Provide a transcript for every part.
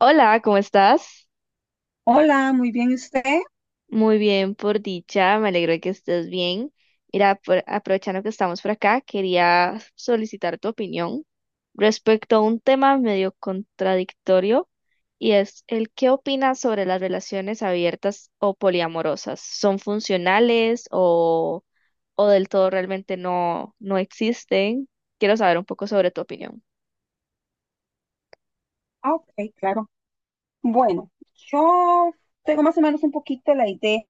Hola, ¿cómo estás? Hola, muy bien, ¿y usted? Muy bien, por dicha, me alegro de que estés bien. Mira, aprovechando que estamos por acá, quería solicitar tu opinión respecto a un tema medio contradictorio y es el qué opinas sobre las relaciones abiertas o poliamorosas. ¿Son funcionales o del todo realmente no existen? Quiero saber un poco sobre tu opinión. Ah, ok, claro. Bueno, yo tengo más o menos un poquito la idea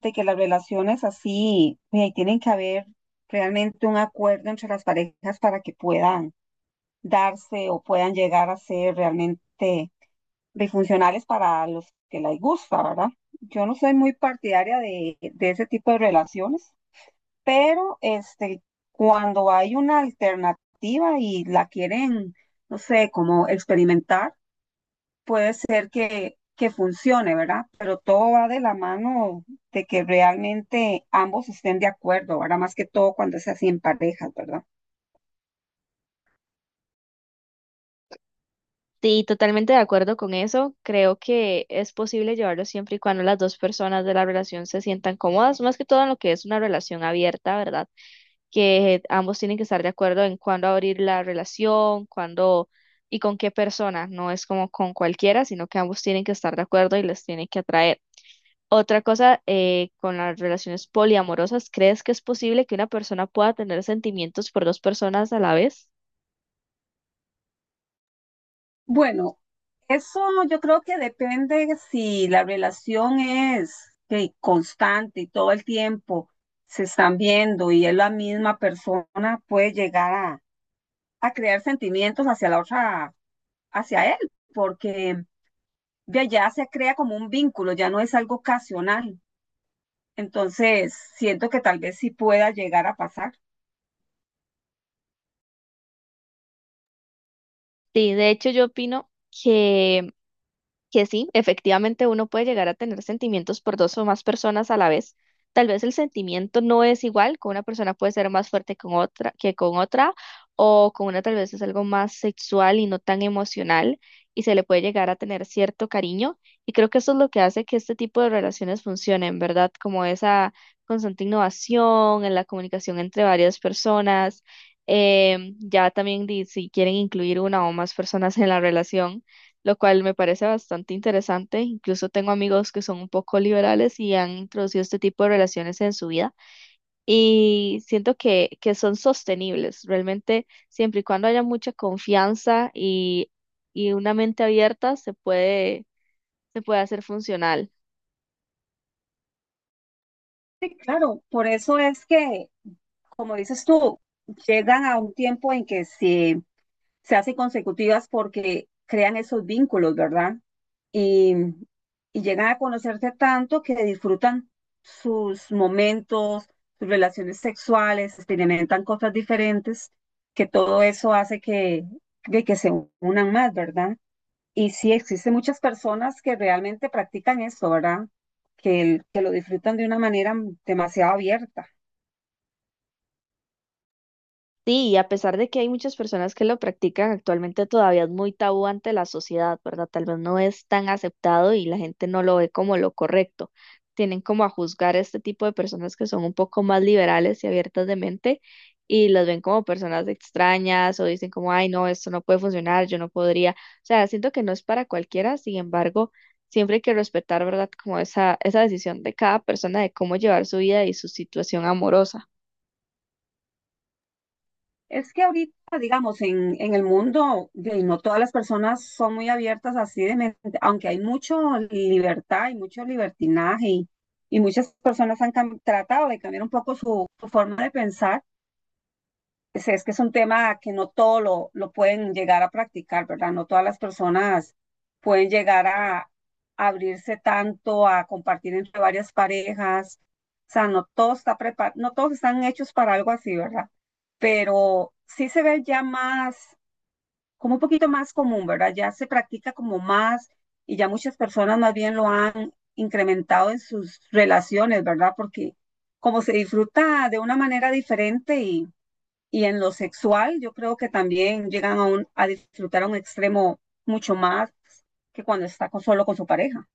de que las relaciones así, tienen que haber realmente un acuerdo entre las parejas para que puedan darse o puedan llegar a ser realmente disfuncionales para los que les gusta, ¿verdad? Yo no soy muy partidaria de ese tipo de relaciones. Pero cuando hay una alternativa y la quieren, no sé, como experimentar, puede ser que funcione, ¿verdad? Pero todo va de la mano de que realmente ambos estén de acuerdo, ¿verdad? Más que todo cuando es así en parejas, ¿verdad? Sí, totalmente de acuerdo con eso. Creo que es posible llevarlo siempre y cuando las dos personas de la relación se sientan cómodas, más que todo en lo que es una relación abierta, ¿verdad? Que ambos tienen que estar de acuerdo en cuándo abrir la relación, cuándo y con qué persona. No es como con cualquiera, sino que ambos tienen que estar de acuerdo y les tiene que atraer. Otra cosa, con las relaciones poliamorosas, ¿crees que es posible que una persona pueda tener sentimientos por dos personas a la vez? Bueno, eso yo creo que depende si la relación es que constante y todo el tiempo se están viendo y es la misma persona, puede llegar a crear sentimientos hacia la otra, hacia él, porque de allá se crea como un vínculo, ya no es algo ocasional. Entonces, siento que tal vez sí pueda llegar a pasar. Sí, de hecho yo opino que que sí, efectivamente uno puede llegar a tener sentimientos por dos o más personas a la vez. Tal vez el sentimiento no es igual, con una persona puede ser más fuerte con otra, que con otra, o con una tal vez es algo más sexual y no tan emocional, y se le puede llegar a tener cierto cariño. Y creo que eso es lo que hace que este tipo de relaciones funcionen, ¿verdad? Como esa constante innovación en la comunicación entre varias personas. Si quieren incluir una o más personas en la relación, lo cual me parece bastante interesante. Incluso tengo amigos que son un poco liberales y han introducido este tipo de relaciones en su vida y siento que son sostenibles, realmente siempre y cuando haya mucha confianza y una mente abierta se puede hacer funcional. Sí, claro, por eso es que, como dices tú, llegan a un tiempo en que se hacen consecutivas porque crean esos vínculos, ¿verdad? Y, y llegan a conocerse tanto que disfrutan sus momentos, sus relaciones sexuales, experimentan cosas diferentes, que todo eso hace que, de que se unan más, ¿verdad? Y sí, existen muchas personas que realmente practican eso, ¿verdad? Que, que lo disfrutan de una manera demasiado abierta. Sí, y a pesar de que hay muchas personas que lo practican, actualmente todavía es muy tabú ante la sociedad, ¿verdad? Tal vez no es tan aceptado y la gente no lo ve como lo correcto. Tienen como a juzgar a este tipo de personas que son un poco más liberales y abiertas de mente y las ven como personas extrañas o dicen como, ay, no, esto no puede funcionar, yo no podría. O sea, siento que no es para cualquiera, sin embargo, siempre hay que respetar, ¿verdad? Como esa decisión de cada persona de cómo llevar su vida y su situación amorosa. Es que ahorita, digamos, en el mundo, no todas las personas son muy abiertas así de mente, aunque hay mucha libertad y mucho libertinaje y muchas personas tratado de cambiar un poco su forma de pensar. Es que es un tema que no todo lo pueden llegar a practicar, ¿verdad? No todas las personas pueden llegar a abrirse tanto, a compartir entre varias parejas. O sea, no todos, está prepar no todos están hechos para algo así, ¿verdad? Pero sí se ve ya más, como un poquito más común, ¿verdad? Ya se practica como más y ya muchas personas más bien lo han incrementado en sus relaciones, ¿verdad? Porque como se disfruta de una manera diferente y en lo sexual, yo creo que también llegan a disfrutar a un extremo mucho más que cuando solo con su pareja.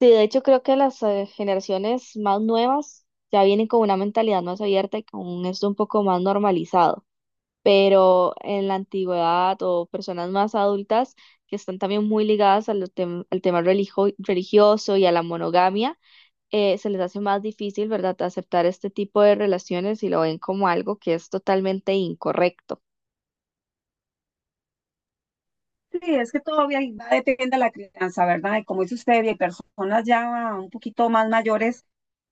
Sí, de hecho creo que las generaciones más nuevas ya vienen con una mentalidad más abierta y con esto un poco más normalizado, pero en la antigüedad o personas más adultas que están también muy ligadas a al tema religioso y a la monogamia, se les hace más difícil, ¿verdad?, aceptar este tipo de relaciones y lo ven como algo que es totalmente incorrecto. Sí, es que todavía ahí va, depende de la crianza, ¿verdad? Y como dice usted, hay personas ya un poquito más mayores,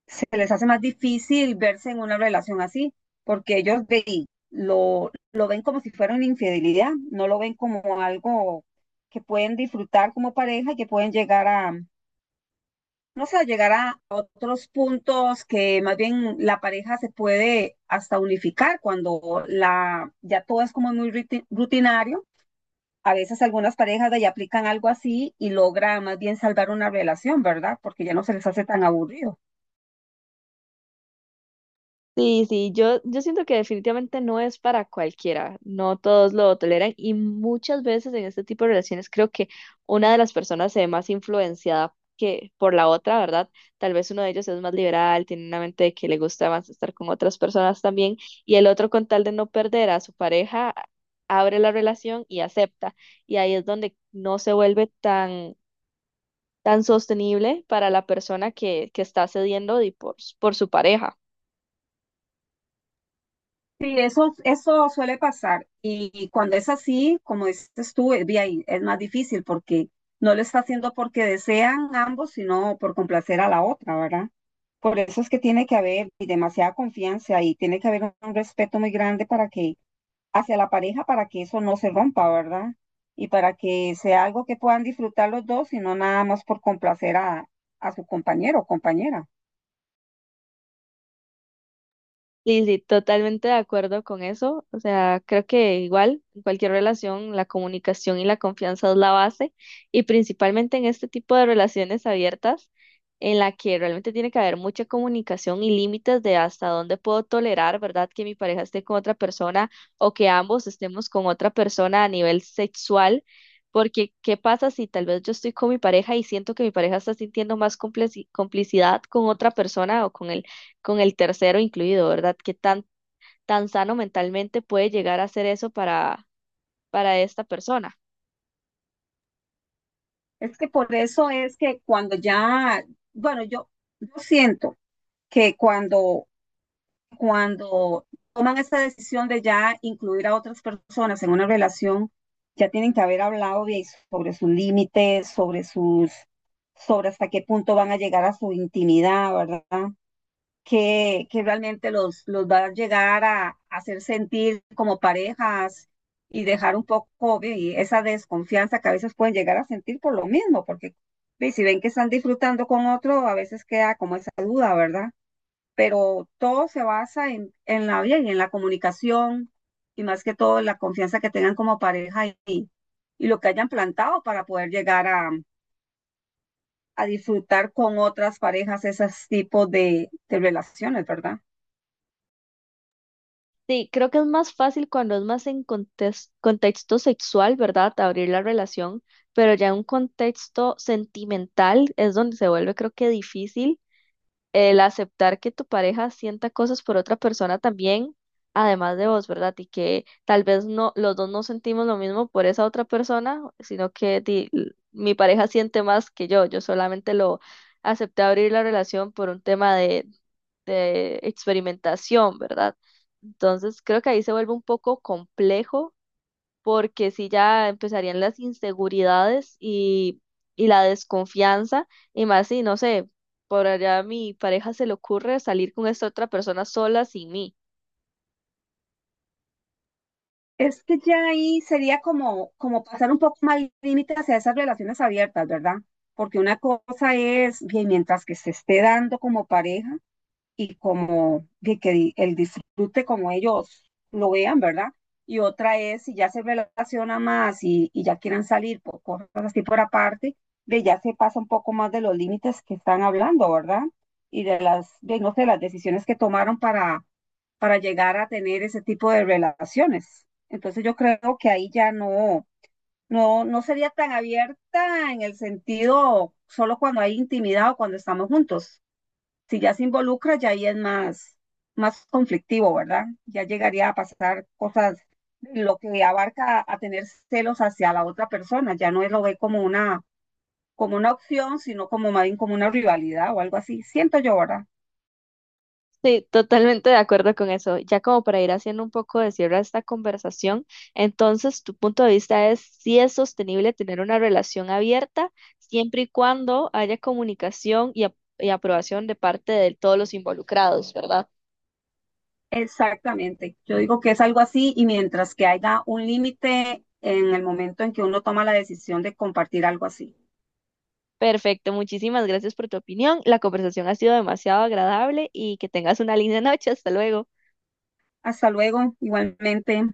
se les hace más difícil verse en una relación así, porque lo ven como si fuera una infidelidad, no lo ven como algo que pueden disfrutar como pareja y que pueden llegar a, vamos a llegar a otros puntos que más bien la pareja se puede hasta unificar cuando ya todo es como muy rutinario. A veces algunas parejas de ahí aplican algo así y logra más bien salvar una relación, ¿verdad? Porque ya no se les hace tan aburrido. Sí, sí, yo siento que definitivamente no es para cualquiera, no todos lo toleran y muchas veces en este tipo de relaciones creo que una de las personas se ve más influenciada que por la otra, ¿verdad? Tal vez uno de ellos es más liberal, tiene una mente de que le gusta más estar con otras personas también y el otro con tal de no perder a su pareja abre la relación y acepta y ahí es donde no se vuelve tan, tan sostenible para la persona que está cediendo y por su pareja. Sí, eso suele pasar. Y cuando es así, como dices tú, ahí es más difícil porque no lo está haciendo porque desean ambos, sino por complacer a la otra, ¿verdad? Por eso es que tiene que haber y demasiada confianza y tiene que haber un respeto muy grande para que hacia la pareja para que eso no se rompa, ¿verdad? Y para que sea algo que puedan disfrutar los dos y no nada más por complacer a su compañero o compañera. Lili, totalmente de acuerdo con eso. O sea, creo que igual en cualquier relación la comunicación y la confianza es la base y principalmente en este tipo de relaciones abiertas en la que realmente tiene que haber mucha comunicación y límites de hasta dónde puedo tolerar, ¿verdad? Que mi pareja esté con otra persona o que ambos estemos con otra persona a nivel sexual. Porque, ¿qué pasa si tal vez yo estoy con mi pareja y siento que mi pareja está sintiendo más complicidad con otra persona o con el tercero incluido, ¿verdad? ¿Qué tan, tan sano mentalmente puede llegar a ser eso para esta persona? Es que por eso es que cuando ya, bueno, yo siento que cuando toman esta decisión de ya incluir a otras personas en una relación, ya tienen que haber hablado bien sobre sus límites, sobre hasta qué punto van a llegar a su intimidad, ¿verdad? Que realmente los va a llegar a hacer sentir como parejas y dejar un poco y esa desconfianza que a veces pueden llegar a sentir por lo mismo, porque y si ven que están disfrutando con otro, a veces queda como esa duda, ¿verdad? Pero todo se basa en la vida y en la comunicación y más que todo la confianza que tengan como pareja y lo que hayan plantado para poder llegar a disfrutar con otras parejas esos tipos de relaciones, ¿verdad? Sí, creo que es más fácil cuando es más en contexto sexual, ¿verdad? Abrir la relación, pero ya en un contexto sentimental es donde se vuelve, creo que, difícil el aceptar que tu pareja sienta cosas por otra persona también, además de vos, ¿verdad? Y que tal vez no, los dos no sentimos lo mismo por esa otra persona, sino que mi pareja siente más que yo. Yo solamente lo acepté abrir la relación por un tema de experimentación, ¿verdad? Entonces creo que ahí se vuelve un poco complejo porque si ya empezarían las inseguridades y la desconfianza, y más si, no sé, por allá a mi pareja se le ocurre salir con esta otra persona sola sin mí. Es que ya ahí sería como, como pasar un poco más límites hacia esas relaciones abiertas, ¿verdad? Porque una cosa es, bien, mientras que se esté dando como pareja, y como de que el disfrute como ellos lo vean, ¿verdad? Y otra es si ya se relaciona más y ya quieren salir por cosas así por aparte, de ya se pasa un poco más de los límites que están hablando, ¿verdad? Y de las, de, no sé, las decisiones que tomaron para llegar a tener ese tipo de relaciones. Entonces yo creo que ahí ya no sería tan abierta en el sentido solo cuando hay intimidad o cuando estamos juntos si ya se involucra, ya ahí es más, más conflictivo, ¿verdad? Ya llegaría a pasar cosas, lo que abarca a tener celos hacia la otra persona, ya no lo ve como una opción, sino como más bien como una rivalidad o algo así. Siento yo, ¿verdad? Sí, totalmente de acuerdo con eso. Ya como para ir haciendo un poco de cierre a esta conversación, entonces tu punto de vista es si es sostenible tener una relación abierta siempre y cuando haya comunicación y aprobación de parte de todos los involucrados, ¿verdad? Exactamente. Yo digo que es algo así y mientras que haya un límite en el momento en que uno toma la decisión de compartir algo así. Perfecto, muchísimas gracias por tu opinión. La conversación ha sido demasiado agradable y que tengas una linda noche. Hasta luego. Hasta luego, igualmente.